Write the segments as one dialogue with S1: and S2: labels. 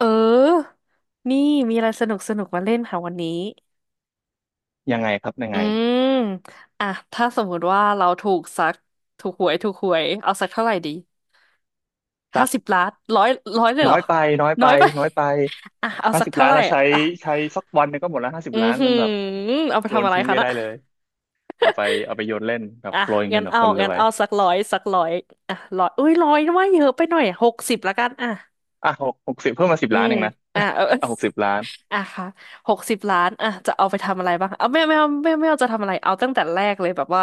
S1: เออ นี่มีอะไรสนุกสนุกมาเล่นค่ะวันนี้
S2: ยังไงครับยัง
S1: อื
S2: ไง
S1: มอ่ะถ้าสมมุติว่าเราถูกสักถูกหวยถูกหวยเอาสักเท่าไหร่ดีห้า
S2: สัก
S1: สิบล้านร้อยร้อยเลย
S2: น้
S1: เหร
S2: อ
S1: อ
S2: ยไปน้อยไป
S1: น้อยไป
S2: น้อยไป
S1: อ่ะเอา
S2: ห้า
S1: สัก
S2: สิบ
S1: เท่า
S2: ล้าน
S1: ไหร่
S2: เราใช้
S1: อ่ะ
S2: ใช้สักวันหนึงก็หมดแล้วห้าสิบ
S1: อือ
S2: ล้าน
S1: หื
S2: มั
S1: อ
S2: นแบบ
S1: เอาไป
S2: โย
S1: ทำ
S2: น
S1: อะไร
S2: ทิ้ง
S1: คะ
S2: ไป
S1: น่ะ
S2: ได้เลยเอาไปเอาไปโยนเล่นแบบ
S1: อ่ะ
S2: โปรยเงินกับคนร
S1: งั้น
S2: วย
S1: เอาสักร้อยอ่ะร้อยอุ้ยร้อยว่าเยอะไปหน่อยหกสิบละกันอ่ะ
S2: อ่ะหกสิบเพิ่มมาสิบ
S1: อื
S2: ล้าน
S1: ม
S2: เองนะ
S1: อ่ะเออ
S2: อ่ะ60,000,000
S1: อ่ะค่ะ60 ล้าน อ่ะ จะเอาไปทำอะไรบ้าง เอาไม่ไม่เอาจะทำอะไร เอาตั้งแต่แรกเลยแบบว่า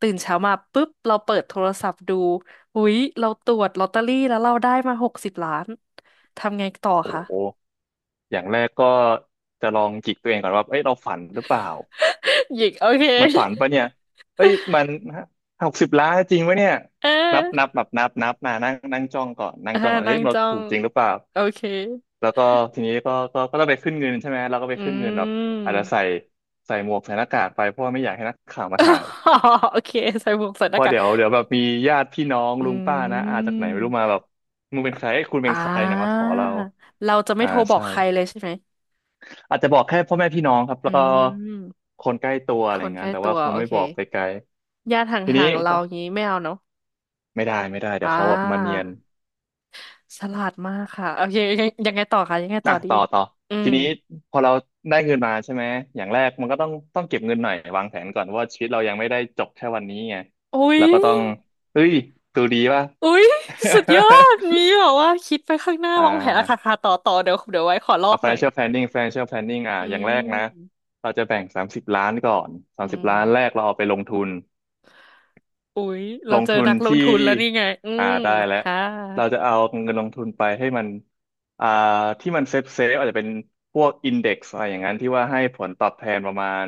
S1: ตื่นเช้ามาปุ๊บเราเปิดโทรศัพท์ดูอุ๊ยเราตรวจลอตเตอรี่แล้วเราได้มาหกสิบล้านทำไงต่อ
S2: โอ้
S1: คะ
S2: โหอย่างแรกก็จะลองจิกตัวเองก่อนว่าเอ้ยเราฝันหรือเปล่า
S1: หยิกโอเค
S2: มันฝันปะเนี่ยเอ้ยมันหกสิบล้านจริงวะเนี่ย
S1: เ
S2: นับนั
S1: ออ
S2: บแบบนับนับมานั่งนั่งจ้องก่อนนั่ง
S1: อ่า
S2: จ้องก่อน
S1: นั่
S2: เฮ้
S1: ง
S2: ยเรา
S1: จ้อ
S2: ถู
S1: ง
S2: กจริงหรือเปล่า
S1: โอเค
S2: แล้วก็ทีนี้ก็ต้องไปขึ้นเงินใช่ไหมเราก็ไป
S1: อื
S2: ขึ้นเงินแบบอาจจะใส่
S1: ม
S2: ใส่หมวกใส่หน้ากากไปเพราะว่าไม่อยากให้นักข่าวมาถ่าย
S1: โอเคใส่หมวกใส่ห
S2: เพ
S1: น้า
S2: ราะ
S1: กาก
S2: เดี๋ยวเดี๋ยวแบบมีญาติพี่น้อง
S1: อื
S2: ลุงป้านะอาจากไหนไม่รู้มา
S1: ม
S2: แบบมึงเป็นใครเอ้ยคุณเป็
S1: อ่า
S2: นใครเนี่ยมาขอเรา
S1: เราจะไม่
S2: อ่า
S1: โทรบอ
S2: ใช่
S1: กใครเลยใช่ไหม
S2: อาจจะบอกแค่พ่อแม่พี่น้องครับ
S1: อื
S2: แล้วก็
S1: ม
S2: คนใกล้ตัว
S1: ค
S2: อะไรอ
S1: น
S2: ย่าง
S1: ใก
S2: นั้น
S1: ล้
S2: แต่
S1: ตั
S2: ว่า
S1: ว
S2: คง
S1: โอ
S2: ไม่
S1: เค
S2: บอกไปไกล
S1: ญาติห
S2: ทีนี้
S1: ่างๆเราอย่างนี้ไม่เอาเนาะ
S2: ไม่ได้ไม่ได้เดี๋ยว
S1: อ่า
S2: เขาแบบมาเนียน
S1: ฉลาดมากค่ะโอเคยังไงต่อคะยังไงต่
S2: อ่ะ
S1: อดี
S2: ต่อต่อ
S1: อื
S2: ที
S1: ม
S2: นี้พอเราได้เงินมาใช่ไหมอย่างแรกมันก็ต้องเก็บเงินหน่อยวางแผนก่อนว่าชีวิตเรายังไม่ได้จบแค่วันนี้ไง
S1: อุ้ย
S2: เราก็ต้องเฮ้ยดูดีป่ะ
S1: อุ้ยสุดยอดมี แบบว่าคิดไปข้างหน้า
S2: อ่
S1: วางแผนอะค่ะ
S2: า
S1: ค่ะต่อเดี๋ยวไว้ขอลอ
S2: เอา
S1: กหน่อย
S2: financial planning อ่ะ
S1: อื
S2: อย่างแรกนะ
S1: ม
S2: เราจะแบ่งสามสิบล้านก่อนสา
S1: อื
S2: มสิบ
S1: ม
S2: ล้านแรกเราเอาไปลงทุน
S1: อุ้ยเรา
S2: ลง
S1: เจอ
S2: ทุน
S1: นักลง
S2: ที่
S1: ทุนแล้วนี่ไงอื
S2: อ่า
S1: ม
S2: ได้แล้ว
S1: ค่ะ
S2: เราจะเอาเงินลงทุนไปให้มันอ่าที่มันเซฟเซฟอาจจะเป็นพวกอินเด็กซ์อะไรอย่างนั้นที่ว่าให้ผลตอบแทนประมาณ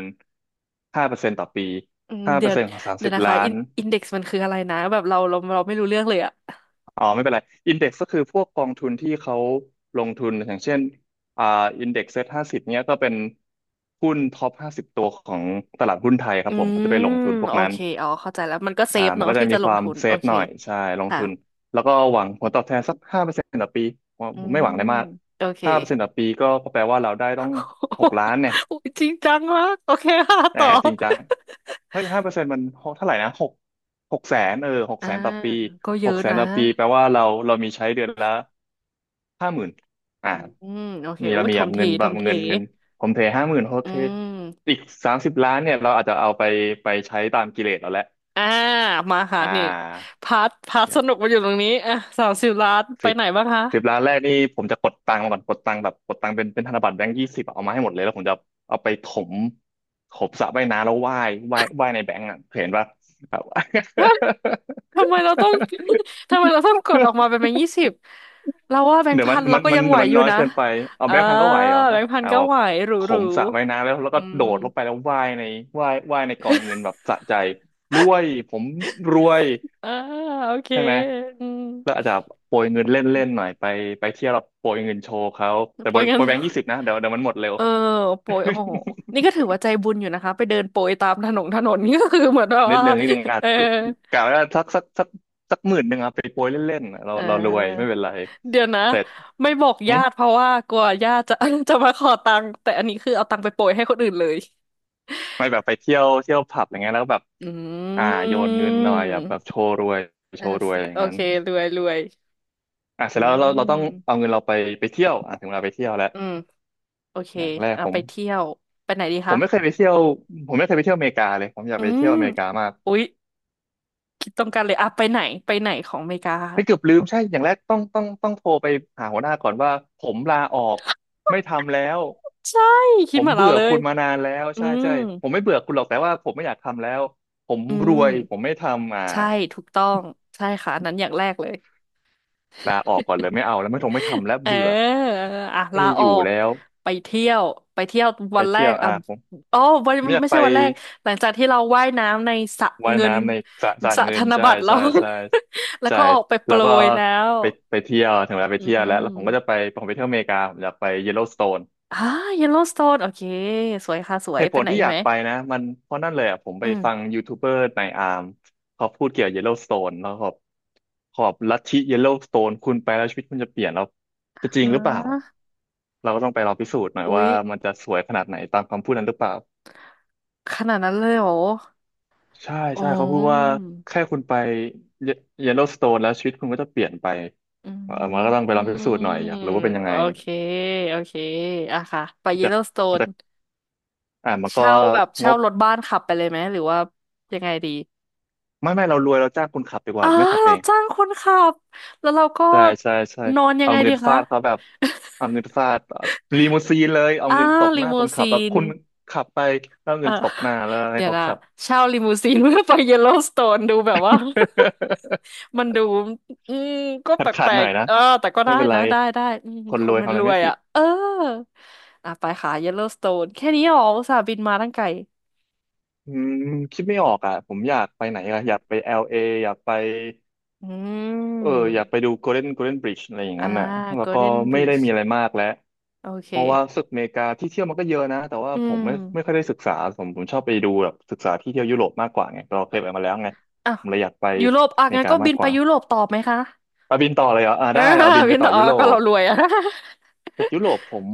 S2: ห้าเปอร์เซ็นต์ต่อปี
S1: อืม
S2: ห้าเปอร์เซ็นต์ของสาม
S1: เดี๋ย
S2: สิ
S1: ว
S2: บ
S1: นะคะ
S2: ล้าน
S1: อินเด็กซ์มันคืออะไรนะแบบเราไม่รู้เรื่องเลยอะ
S2: อ๋อไม่เป็นไรอินเด็กซ์ก็คือพวกกองทุนที่เขาลงทุนอย่างเช่นอ่าอินเด็กซ์เซ็ตห้าสิบเนี้ยก็เป็นหุ้นท็อปห้าสิบตัวของตลาดหุ้นไทยครั
S1: อื
S2: บผมก็จะไปล
S1: ม
S2: งทุนพวก
S1: โอ
S2: นั้น
S1: เคอ๋อเข้าใจแล้วมันก็เซ
S2: อ่า
S1: ฟ
S2: มัน
S1: เนาะ
S2: ก็จะ
S1: ที่
S2: มี
S1: จะล
S2: ค
S1: ง
S2: วาม
S1: ทุน
S2: เซ
S1: โอ
S2: ฟ
S1: เค
S2: หน่อยใช่ลง
S1: ค่ะ
S2: ทุนแล้วก็หวังผลตอบแทนสักห้าเปอร์เซ็นต์ต่อปีผม
S1: อื
S2: ผมไม่ห
S1: ม
S2: วังอะไรมาก
S1: โอเค
S2: ห้าเปอร์เซ็นต์ต่อปีก็แปลว่าเราได้ต้อง6,000,000เนี่ย
S1: โอ้ยจริงจังมากโอเคค่ะ
S2: แต่
S1: ต่อ
S2: จริงจังเฮ้ยห้าเปอร์เซ็นต์มันเท่าไหร่นะหกแสนเออหก
S1: อ่า
S2: แสนต่อปี
S1: ก็เย
S2: ห
S1: อะ
S2: กแสน
S1: นะ
S2: ต่อปีแปลว่าเรามีใช้เดือนละห้าหมื่นอ่า
S1: อืมโอเค
S2: มี
S1: โอ้
S2: เรา
S1: ย
S2: มี
S1: ท
S2: แบ
S1: ม
S2: บ
S1: ที
S2: เงินแบ
S1: ท
S2: บ
S1: มที
S2: เงินเงินผมเทห้าหมื่นโอ
S1: อื
S2: เค
S1: ม
S2: อีกสามสิบล้านเนี่ยเราอาจจะเอาไปไปใช้ตามกิเลสเราแหละ
S1: อ่ามาค่ะ
S2: อ่
S1: นี่
S2: า
S1: พาร์ทสนุกมาอยู่ตรงนี้อ่ะ30 ล้านไป
S2: สิบ
S1: ไหนบ้างคะ
S2: 10,000,000แรกนี่ผมจะกดตังค์มาก่อนกดตังค์แบบกดตังค์เป็นเป็นธนบัตรแบงค์ยี่สิบเอามาให้หมดเลยแล้วผมจะเอาไปถมถมสระว่ายน้ำแล้วว่ายว่ายว่ายในแบงค์อ่ะเห็นปะแบบ
S1: ฮะ ทำไมเราต้อง ทำไมเราต้องกดออกมาเป็นแบงค์ยี่สิบเราว่าแบงค์
S2: เดี๋ยว
S1: พั
S2: มัน
S1: นเรา
S2: มัน
S1: ก็
S2: มั
S1: ยั
S2: น
S1: งไหว
S2: มัน
S1: อยู่
S2: น้อย
S1: นะ
S2: เกินไปเอา
S1: เอ่า
S2: แบงค์พันก็ไหวเหรอ
S1: แบ
S2: นะ
S1: งค์พัน
S2: เอา
S1: ก็
S2: แบบ
S1: ไหวหรู
S2: ถ
S1: หรู
S2: มสระว่ายน้ำแล้วแล้ว
S1: อื
S2: ก็
S1: ม
S2: โดดลงไปแล้วว่ายในว่ายว่ายในกองเงินแบบสะใจรวยผมรวย
S1: อ่าโอเค
S2: ใช่ไหม
S1: อืม
S2: แล้วอาจจะโปรยเงินเล่นๆหน่อยไปไปเที่ยวแร้โปรยเงินโชว์เขาแต่
S1: โปร
S2: โปร
S1: ย
S2: ย
S1: เงิ
S2: โป
S1: น
S2: รยแบงค์ยี่สิบนะเดี๋ยวเดี๋ยวมันหมดเร็ ว
S1: เออโปรยโอ้โหนี่ก็ถือว่าใจบุญอยู่นะคะไปเดินโปรยตามถนน ถนนนี่ก็คือเหมือนแบบ
S2: นิด
S1: ว่า
S2: นึงนิดนึงอา จ
S1: เออ
S2: ก็กะว่าสัก10,000อะไปโปรยเล่นๆอะเรา
S1: เ
S2: เรารวยไม่
S1: ออ
S2: เป็นไร
S1: เดี๋ยวนะ
S2: เสร็จ
S1: ไม่บอก
S2: หึ
S1: ญาติเพราะว่ากลัวญาติจะ จะมาขอตังค์แต่อันนี้คือเอาตังค์ไปโปรยให้คนอื่นเลย
S2: ไม่แบบไปเที่ยวเที่ยวผับอย่างเงี้ยแล้วแบบ
S1: อื
S2: อ่าโยนเงิน
S1: ม
S2: หน่อยอ่ะแบบโชว์รวยโช
S1: อ่า
S2: ว์รวยอย่า
S1: โอ
S2: งนั้
S1: เค
S2: น
S1: รวยรวย
S2: อ่ะเส
S1: อื
S2: ร็จแล้วเราต้องเอา
S1: ม
S2: เงินเราไปไปเที่ยวอ่ะถึงเวลาไปเที่ยวแล้ว
S1: อืมโอเค
S2: อย่างแรก
S1: อ่ะ
S2: ผ
S1: ไป
S2: ม
S1: เที่ยว ไปไหนดี
S2: ผม
S1: คะ
S2: ไม่เคยไปเที่ยวผมไม่เคยไปเที่ยวอเมริกาเลยผมอยาก
S1: อื
S2: ไปเที่ย
S1: ม
S2: วอเมริกามาก
S1: อุ๊ยคิดตรงกันเลยอ่ะไปไหนของอเมริกา
S2: ให้ยเกือบลืมใช่อย่างแรกต้องโทรไปหาหัวหน้าก่อนว่าผมลาออกไม่ทำแล้ว
S1: ใช่ คิ
S2: ผ
S1: ด
S2: ม
S1: เหมือนเรา
S2: เบื่อ
S1: เลย
S2: คุณมานานแล้ว
S1: อื
S2: ใช่
S1: ม
S2: ใช่ผมไม่เบื่อคุณหรอกแต่ว่าผมไม่อยากทำแล้วผม
S1: อื
S2: รว
S1: ม
S2: ยผมไม่ทำอ่า
S1: ใช่ถูกต้องใช่ค่ะอันนั้นอย่างแรกเลย
S2: ลาออกก่อนเลยไม่เอาแล้วไม่ทงไม่ ทำแล้ว
S1: เ
S2: เบื่อ
S1: อออ่ะ
S2: ไม่
S1: ลา
S2: อ
S1: ออ
S2: ยู่
S1: ก
S2: แล้ว
S1: ไปเที่ยวไปเที่ยว
S2: ไป
S1: วันแร
S2: เที่ย
S1: ก
S2: ว
S1: อ่ะ
S2: อ่าผม
S1: อ๋อวัน
S2: ผมอยาก
S1: ไม่
S2: ไป
S1: ใช่วันแรกหลังจากที่เราว่ายน้ำในสระ
S2: ว่าย
S1: เงิน
S2: น้ำในสระสระ
S1: สระ
S2: เงิ
S1: ธ
S2: น
S1: น
S2: ใช่
S1: บัตรแล้
S2: ใช่
S1: ว
S2: ใช่
S1: แล้ว
S2: ใช่
S1: ก็ออกไปโป
S2: แล้
S1: ร
S2: วก็
S1: ยแล้ว
S2: ไปไปเที่ยวถึงเวลาไป
S1: อื
S2: เที่ยวแล้วแล้วผมก็จะไป
S1: ม
S2: ผมไปเที่ยวอเมริกาผมอยากไปเยลโลสโตน
S1: อ่าเยลโลสโตนโอเคสวยค่ะสว
S2: เห
S1: ย
S2: ตุ
S1: ไป
S2: ผล
S1: ไหน
S2: ที่
S1: อี
S2: อ
S1: ก
S2: ยา
S1: ไห
S2: ก
S1: ม
S2: ไปนะมันเพราะนั่นเลยอ่ะผมไป
S1: อื
S2: ฟัง
S1: ม
S2: ยูทูบเบอร์ในอาร์มเขาพูดเกี่ยวกับเยลโล w s สโตนแล้วขอบขอบลัทธิเยลโล w s สโตนคุณไปแล้วชีวิตคุณจะเปลี่ยนแล้วจะจริ
S1: อ่
S2: งหรือเปล่า
S1: า
S2: เราก็ต้องไปลองพิสูจน์หน่อย
S1: อุ๊ย
S2: ว่ามันจะสวยขนาดไหนตามคำพูดนั้นหรือเปล่า
S1: ขนาดนั้นเลยเหรอ
S2: ใช่
S1: อ๋อ
S2: ใช่เขาพูดว่าแค่คุณไปเยลโล w s สโตนแล้วชีวิตคุณก็จะเปลี่ยนไปเออ
S1: อื
S2: มันก็ต้องไปลองพิสูจน์หน่อยอ
S1: ม
S2: ยากรู้ว่าเป็นยัง
S1: โอ
S2: ไง
S1: เคโอเคอะค่ะไปย l
S2: จะ
S1: l o สโตน
S2: จะมันก็
S1: เช่าแบบ
S2: ง
S1: เช่า
S2: บ
S1: รถบ้านขับไปเลยไหมหรือว่ายังไงดี
S2: ไม่เรารวยเราจ้างคุณขับดีก
S1: อ๋
S2: ว่า
S1: อ
S2: ไม่ขับเอ
S1: เรา
S2: ง
S1: จ้างคนขับแล้วเราก็
S2: ใช่ใช่ใช่
S1: นอนยัง
S2: เอา
S1: ไง
S2: เงิ
S1: ดี
S2: น
S1: คะ
S2: ฟาดเขาแบบเอา เงินฟาดลีมูซีนเลยเอา
S1: อ่า
S2: เงินตบ
S1: ลิ
S2: หน้า
S1: มู
S2: คนขั
S1: ซี
S2: บแล้ว
S1: น
S2: คุณขับไปแล้วเอา
S1: เออ
S2: เงินตบหน้าแล้ว ให้
S1: เดี๋ยว
S2: เขา
S1: นะ
S2: ขับ
S1: เช่าลิมูซีนเพื่อไปเยลโลสโตนดูแบบว่า มันดูอืมก็
S2: ขา
S1: แป
S2: ดขาด
S1: ล
S2: หน่
S1: ก
S2: อยนะ
S1: ๆเออแต่ก็
S2: ไม่
S1: ได้
S2: เป็นไร
S1: นะได้อืม
S2: คน
S1: ค
S2: ร
S1: น
S2: วย
S1: มัน
S2: ทำอะ
S1: ร
S2: ไร
S1: ว
S2: ไม่
S1: ย
S2: ผิด
S1: อ่ะเอออ่ะไปค่ะเยลโลสโตนแค่นี้เหรออุตส่าห์บินมาตั้งไกล
S2: อืมคิดไม่ออกอ่ะผมอยากไปไหนอ่ะอยากไป LA อลเออยากไป
S1: อื
S2: เออ
S1: ม
S2: อยากไปดู Golden Golden Bridge อะไรอย่าง
S1: อ่า
S2: นั้นน่ะแล้
S1: โก
S2: ว
S1: ล
S2: ก็
S1: เด้น
S2: ไม่
S1: บี
S2: ได้
S1: ช
S2: มีอะไรมากแล้ว
S1: โอเค
S2: เพราะว่ารู้สึกอเมริกาที่เที่ยวมันก็เยอะนะแต่ว่า
S1: อื
S2: ผม
S1: ม
S2: ไม่ค่อยได้ศึกษาผมชอบไปดูแบบศึกษาที่เที่ยวยุโรปมากกว่าไงเราเคยไปมาแล้วไง
S1: อ่ะ
S2: ผมเลยอยากไป
S1: ยุโรปอ่ะ
S2: อเม
S1: งั้
S2: ริ
S1: น
S2: กา
S1: ก็บิ
S2: มาก
S1: น
S2: ก
S1: ไป
S2: ว่า
S1: ยุโรปต่อไหมคะ
S2: เอาบินต่อเลยเหรอ
S1: อ่า
S2: ได้เอาบินไป
S1: บิน
S2: ต่
S1: ต่
S2: อ
S1: อ
S2: ยุ
S1: อ่ะ
S2: โร
S1: ก็
S2: ป
S1: เรารวยอ่ะ
S2: แต่ยุโรปผม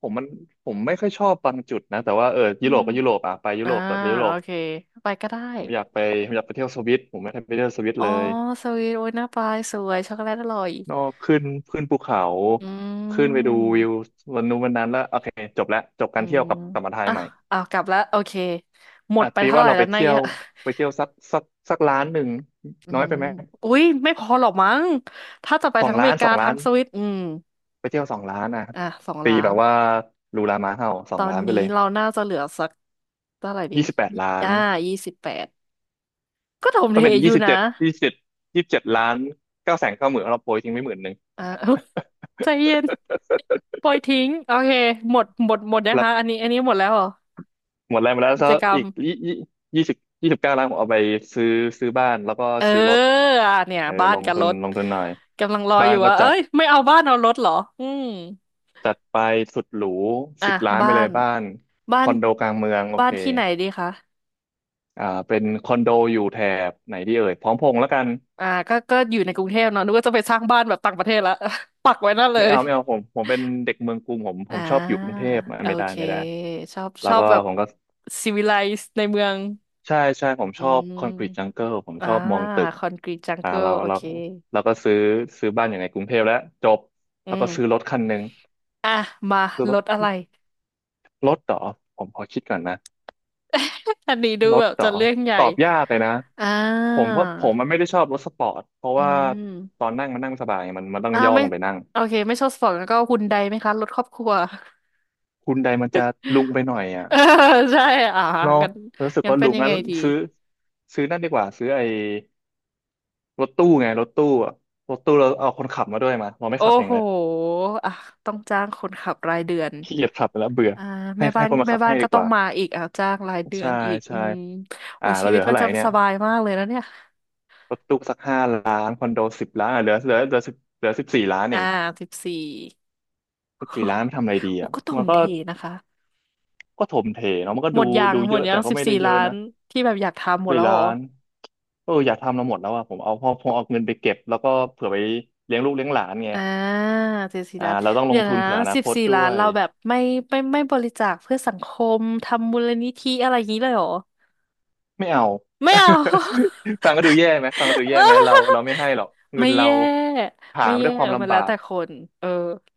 S2: ผมมันผมไม่ค่อยชอบบางจุดนะแต่ว่าเออ
S1: อื
S2: ยุโร
S1: ม
S2: ปก็ยุโรปอ่ะไปยุ
S1: อ่า
S2: โรปต่อไปยุโร
S1: โอ
S2: ป
S1: เคไปก็ได้
S2: ผมอยากไปผมอยากไปเที่ยวสวิตผมไม่ได้ไปเที่ยวสวิต
S1: อ๋อ
S2: เลย
S1: สวีทโอ้ยหน้าปลายสวยช็อกโกแลตอร่อย
S2: นอกขึ้นขึ้นภูเขา
S1: อื
S2: ขึ้นไปดูวิว
S1: ม
S2: วันนู้นวันนั้นแล้วโอเคจบแล้วจบ
S1: อื
S2: การเที่ยว
S1: ม
S2: กลับมาไทย
S1: อ่ะ
S2: ใหม่
S1: อ่ะกลับแล้วโอเคหม
S2: อ่ะ
S1: ดไป
S2: ตี
S1: เท่า
S2: ว่า
S1: ไหร่
S2: เรา
S1: แล้
S2: ไป
S1: วนาย
S2: เที่ยว
S1: อะ
S2: ไปเที่ยวสักสักสักล้านหนึ่ง
S1: อื
S2: น้อยไป
S1: ม
S2: ไหม
S1: อุ้ยไม่พอหรอกมั้งถ้าจะไป
S2: สอ
S1: ทั้
S2: ง
S1: งอเม
S2: ล้าน
S1: ริ
S2: ส
S1: กา
S2: องล้า
S1: ทั้ง
S2: น
S1: สวิตอืม
S2: ไปเที่ยวสองล้านอ่ะ
S1: อ่ะสอง
S2: ตี
S1: ล้า
S2: แบ
S1: น
S2: บว่าลูลามาเห่าส
S1: ต
S2: อง
S1: อน
S2: ล้านไป
S1: นี้
S2: เลย
S1: เราน่าจะเหลือสักเท่าไหร่ดี
S2: ยี่สิบแปด
S1: ยี่
S2: ล้าน
S1: อ่า28ก็ถม
S2: ต้
S1: เท
S2: องเป็น
S1: อ
S2: ยี่
S1: ยู่
S2: สิบ
S1: นะ
S2: เจ็ดยี่สิบเจ็ด27,000,000900,00090,000เราโปรยทิ้งไว้10,000
S1: อ่า ใจเย็นปล่อยทิ้งโอเคหมด นะ
S2: แล้ว
S1: คะอันนี้หมดแล้วเหรอ
S2: หมดแรงไปแล้ว
S1: กิจ
S2: ซะ
S1: กรรม
S2: อีกยี่สิบ29,000,000ผมเอาไปซื้อซื้อบ้านแล้วก็
S1: เออ
S2: ซื้อรถ
S1: อ่ะเนี่ย
S2: เออ
S1: บ้า
S2: ล
S1: น
S2: ง
S1: กับ
S2: ทุ
S1: ร
S2: น
S1: ถ
S2: ลงทุนหน่อย
S1: กำลังรอ
S2: บ้า
S1: อ
S2: น
S1: ยู่
S2: ก็
S1: ว่าเอ้
S2: จัด
S1: ยไม่เอาบ้านเอารถเหรออืม
S2: จัดไปสุดหรู
S1: อ่ะ
S2: สิบล้านไป
S1: บ้า
S2: เลย
S1: น
S2: บ้าน
S1: บ้า
S2: ค
S1: น
S2: อนโดกลางเมืองโอ
S1: บ้า
S2: เค
S1: นที่ไหนดีคะ
S2: เป็นคอนโดอยู่แถบไหนดีเอ่ยพร้อมพงษ์แล้วกัน
S1: อ่าก็อยู่ในกรุงเทพเนาะนึกว่าจะไปสร้างบ้านแบบต่างประเทศละ ปักไว้นั่นเล
S2: ไม่
S1: ย
S2: เอาไม่เอาผมผมเป็นเด็กเมืองกรุงผมผ
S1: อ่
S2: มชอบอยู่ก
S1: า
S2: รุงเทพอ่ะ
S1: โอ
S2: ไม่ได้
S1: เค
S2: ไม่ได้
S1: ช
S2: แล้ว
S1: อบ
S2: ก็
S1: แบบ
S2: ผมก็
S1: ซีวิไลซ์ในเมือง
S2: ใช่ใช่ผม
S1: อื
S2: ชอบคอนกรีตจั
S1: ม
S2: งเกิลผม
S1: อ่า
S2: ชอบมองตึก
S1: คอนกรีตจังเกิล
S2: เรา
S1: โอ
S2: เรา
S1: เค
S2: เราก็ซื้อบ้านอยู่ในกรุงเทพแล้วจบ
S1: อื
S2: แล้ว
S1: ม
S2: ก็ซื้อรถคันหนึ่ง
S1: อ่ะมา
S2: ซื้อร
S1: ร
S2: ถ
S1: ถอะไร
S2: รถเหรอผมขอคิดก่อนนะ
S1: อันนี้ดู
S2: ร
S1: แบ
S2: ถ
S1: บ
S2: เหร
S1: จะ
S2: อ
S1: เรื่องใหญ่
S2: ตอบยากเลยนะ
S1: อ่
S2: ผม
S1: า
S2: เพราะผมมันไม่ได้ชอบรถสปอร์ตเพราะ
S1: อื
S2: ว่า
S1: ม
S2: ตอนนั่งมันนั่งไม่สบายไงมันมันต้อง
S1: อ่า
S2: ย่อ
S1: ไม่
S2: ลงไปนั่ง
S1: โอเคไม่ชอบสปอร์ตแล้วก็ฮุนไดไหมคะรถครอบครัว
S2: คุณใดมันจะลุงไปหน่อย อ่ะ
S1: เออใช่อ่า
S2: เนาะ
S1: งั้น
S2: รู้สึก
S1: งั้น
S2: ว่า
S1: เป็
S2: ลุ
S1: น
S2: ง
S1: ยังไง
S2: งั้น
S1: ดี
S2: ซื้อซื้อนั่นดีกว่าซื้อไอ้รถตู้ไงรถตู้อ่ะรถตู้เราเอาคนขับมาด้วยมาเราไม่
S1: โอ้
S2: ขับเอง
S1: โห
S2: แล้ว
S1: อ่ะต้องจ้างคนขับรายเดือน
S2: ขี้เกียจขับแล้วเบื่อ
S1: อ่า
S2: ให้
S1: แม่บ้า
S2: ให้
S1: น
S2: คนมา
S1: แม่
S2: ขับ
S1: บ้า
S2: ให้
S1: นก็
S2: ดีก
S1: ต้อง
S2: ว่า
S1: มาอีกอ่ะจ้างรายเดือ
S2: ใช่
S1: นอีกอื
S2: ใช่
S1: มโอ้ย
S2: เรา
S1: ชี
S2: เหลื
S1: วิต
S2: อ
S1: มั
S2: เท่า
S1: น
S2: ไหร่
S1: จะ
S2: เนี่
S1: ส
S2: ย
S1: บายมากเลยนะเนี่ย
S2: รถตู้สัก5,000,000คอนโดสิบล้านอ่ะเหลือสิบเหลือสิบสี่ล้านเอ
S1: อ่า
S2: ง
S1: สิบสี่
S2: สิบสี่ล้านไปทำอะไรดี
S1: โอ้
S2: อ่ะ
S1: ก็ถ
S2: มัน
S1: ม
S2: ก็
S1: เทนะคะ
S2: ก็ถมเทเนาะมันก็
S1: หม
S2: ดู
S1: ดยัง
S2: ดู
S1: หม
S2: เย
S1: ด
S2: อะ
S1: ยั
S2: แต่
S1: ง
S2: ก็
S1: สิบ
S2: ไม่ได้
S1: สี่
S2: เย
S1: ล้า
S2: อะ
S1: น
S2: นะ
S1: ที่แบบอยากทำหมด
S2: สี่
S1: แล้วเหร
S2: ล้า
S1: อ
S2: นเอออยากทำเราหมดแล้วอะผมเอาพอพอเอาเงินไปเก็บแล้วก็เผื่อไปเลี้ยงลูกเลี้ยงหลานไง
S1: อ่าเจ็ดสี่ล้าน
S2: เราต้องล
S1: เดี๋ย
S2: ง
S1: ว
S2: ทุ
S1: นะ
S2: นเผื่ออนา
S1: สิบ
S2: คต
S1: สี่
S2: ด้
S1: ล้า
S2: ว
S1: น
S2: ย
S1: เราแบบไม่ไม่ไม่บริจาคเพื่อสังคมทำมูลนิธิอะไรอย่างนี้เลยเหรอ
S2: ไม่เอา
S1: ไม่เอา
S2: ฟังก็ดูแย่ไหมฟังก็ดู แย่
S1: เอ
S2: ไหมเรา
S1: อ
S2: เราไม่ให้หรอกเงิ
S1: ไม่
S2: นเรา
S1: แย่
S2: หา
S1: ไม่
S2: มา
S1: แย่
S2: ด้วยค
S1: เอ
S2: วาม
S1: อมัน
S2: ลำบา
S1: แล้ว
S2: ก
S1: แต่คนเออ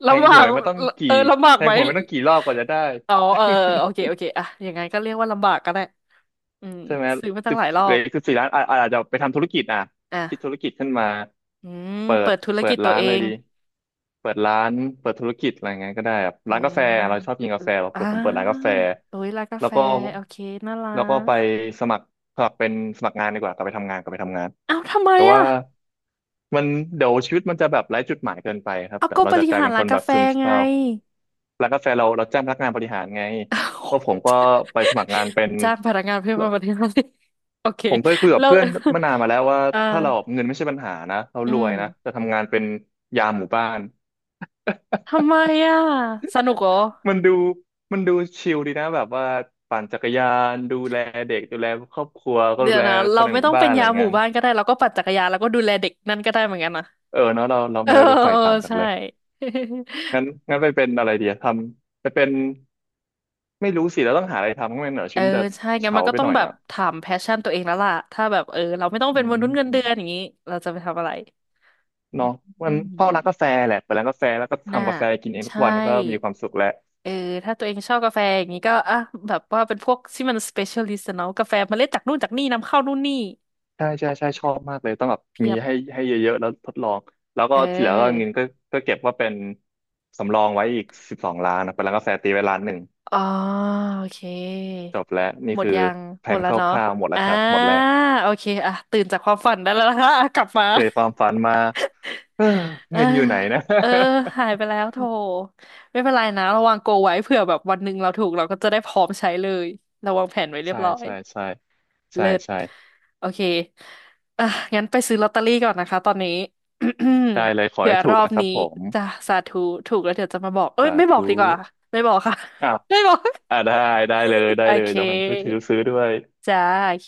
S2: แท
S1: ลำ
S2: ง
S1: บา
S2: ห
S1: ก
S2: วยมาต้อง
S1: เอ
S2: กี่
S1: อลำบาก
S2: แท
S1: ไห
S2: ง
S1: ม
S2: หวยมาต้องกี่รอบกว่าจะได้
S1: อ๋อเออ เออโอเคโอเคอะอย่างไงก็เรียกว่าลำบากก็ได้อืม
S2: ใช่ไหม
S1: ซื้อมาตั้
S2: สิ
S1: ง
S2: บ
S1: หลายรอ
S2: เหลือ
S1: บ
S2: อีกสิบสี่ล้านอาจจะไปทำธุรกิจอ่ะคิดธุร
S1: อ่ะ
S2: กิจขึ้นมา
S1: อืม
S2: เปิ
S1: เปิ
S2: ด
S1: ดธุร
S2: เปิ
S1: กิ
S2: ด
S1: จตัว
S2: ร้าน
S1: เอ
S2: เลย
S1: ง
S2: ดีเปิดร้านเปิดธุรกิจอะไรเงี้ยก็ได้แบบ
S1: อื
S2: ร้านกา
S1: ม
S2: แฟเราชอบกิน
S1: เอ
S2: กา
S1: อ
S2: แฟเรา
S1: อ่า
S2: เปิดผมเปิดร้านกาแฟ
S1: โอ้ยร้านกา
S2: แล้ว
S1: แฟ
S2: ก็
S1: โอเคน่ารั
S2: แล้วก็ไป
S1: ก
S2: สมัครสมัครเป็นสมัครงานดีกว่ากลับไปทำงานกลับไปทำงาน
S1: เอ้าทำไม
S2: แต่ว่า
S1: อ่ะ
S2: มันเดี๋ยวชีวิตมันจะแบบไร้จุดหมายเกินไปครับ
S1: เอา
S2: เดี๋ย
S1: ก็
S2: วเรา
S1: บ
S2: จะ
S1: ริ
S2: กลาย
S1: หาร
S2: เป็นค
S1: ร้าน
S2: น
S1: กา
S2: แบบ
S1: แฟ
S2: ซึมเศ
S1: ไง
S2: ร้าร้านกาแฟเราจ้างพนักงานบริหารไง
S1: อ้าว
S2: ว่าผมก็ไปสมัครงานเป็น
S1: จ้างพนักงานเพิ่มมาบริหาร สิโอเค
S2: ผมเคยคุยกับ
S1: แล้ว
S2: เพื่อนเมื่อนานมาแล้วว่า
S1: อ่า
S2: ถ้าเราเงินไม่ใช่ปัญหานะเรา
S1: อื
S2: รว
S1: ม
S2: ยนะแต่ทำงานเป็นยามหมู่บ้าน
S1: ทำไมอ่ะสนุกเหรอ
S2: มันดูมันดูชิลดีนะแบบว่าปั่นจักรยานดูแลเด็กดูแลครอบครัวก็
S1: เดี๋
S2: ดู
S1: ยว
S2: แล
S1: นะ
S2: ค
S1: เรา
S2: นใน
S1: ไม่
S2: หมู่
S1: ต้อง
S2: บ้า
S1: เป็
S2: น
S1: น
S2: อะไร
S1: ยา
S2: อ
S1: ม
S2: ย่าง
S1: หมู่
S2: นั้น
S1: บ้านก็ได้เราก็ปั่นจักรยานแล้วก็ดูแลเด็กนั่นก็ได้เหมือนกันนะ
S2: เออเนาะเรา
S1: เออ
S2: ไม่เราดูฝ่า
S1: เอ
S2: ย
S1: อ
S2: ต่ำจัง
S1: ใช่
S2: เลย งั้นงั้นไปเป็นอะไรดีอะทำไปเป็นไม่รู้สิเราต้องหาอะไรทำก็ไม่งั้นเดี๋ยว
S1: เอ
S2: ชี
S1: อ
S2: วิตมันจะ
S1: ใช่งั้น
S2: เฉา
S1: มันก็
S2: ไป
S1: ต้อ
S2: ห
S1: ง
S2: น่อย
S1: แบบ
S2: อ่ะ
S1: ถามแพชชั่นตัวเองแล้วล่ะถ้าแบบเออเราไม่ต้อง
S2: อื
S1: เป็นมนุษย์เงินเดือนอ
S2: ม
S1: ย่างนี้เราจะไปทำอะไร
S2: เนาะมั
S1: อื
S2: นพ่อร้านกา
S1: ม
S2: แฟแหละเปิดร้านกาแฟแล้วก็
S1: น่า
S2: ทำกาแฟกินเองทุก
S1: ใช่
S2: วันก็มีความสุขแล้ว
S1: เออถ้าตัวเองชอบกาแฟอย่างนี้ก็อ่ะแบบว่าเป็นพวกที่มัน specialist อะเนาะกาแฟเมล็ดจากนู่นจากนี่นำเข้านู่นนี่
S2: ใช่ใช่ใช่ชอบมากเลยต้องแบบ
S1: เพี
S2: มี
S1: ยบ
S2: ให้เยอะๆแล้วทดลองแล้วก็
S1: เอ
S2: ทีเหลังก็เงิ
S1: อ
S2: นก็ก็เก็บว่าเป็นสำรองไว้อีก12,000,000นะไปร้านกาแฟตีไว้ล้านหนึ่ง
S1: อ๋อโอเค
S2: จบแล้วนี่
S1: หมด
S2: คือ
S1: ยัง
S2: แผ
S1: หมด
S2: น
S1: แล้
S2: ค
S1: วเนาะ
S2: ร่าวๆหมดแล้
S1: อ่า
S2: วครับหมดแล้ว
S1: โอเคอ่ะตื่นจากความฝันได้แล้วนะคะอ่ะ กลับมา
S2: เกิดความฝันมา เออ
S1: เออ
S2: เงินอยู่ไหนนะ
S1: เออ หายไปแล้วโถไม่เป็นไรนะระวังโกไว้เผื่อแบบวันหนึ่งเราถูกเราก็จะได้พร้อมใช้เลยเราวางแผนไว้ เรียบ
S2: ใช่
S1: ร้อย
S2: ใช่ใช่ใช่
S1: เลิศ
S2: ใช่
S1: โอเคอ่ะงั้นไปซื้อลอตเตอรี่ก่อนนะคะตอนนี้
S2: ได้เลยข อ
S1: เผื่อ
S2: ให้ถู
S1: ร
S2: ก
S1: อบ
S2: นะครับ
S1: นี้
S2: ผม
S1: จะสาธุถูกแล้วเดี๋ยวจะมาบอก เอ้ย
S2: สา
S1: ไม่บอก
S2: ธุ
S1: ดีกว่า ไม่บอกค่ะ
S2: อ้าว
S1: ไม่บอก
S2: ได้ได้เลย ได้
S1: โอ
S2: เลย
S1: เค
S2: เดี๋ยวผมไปถือซื้อด้วย
S1: จ้าโอเค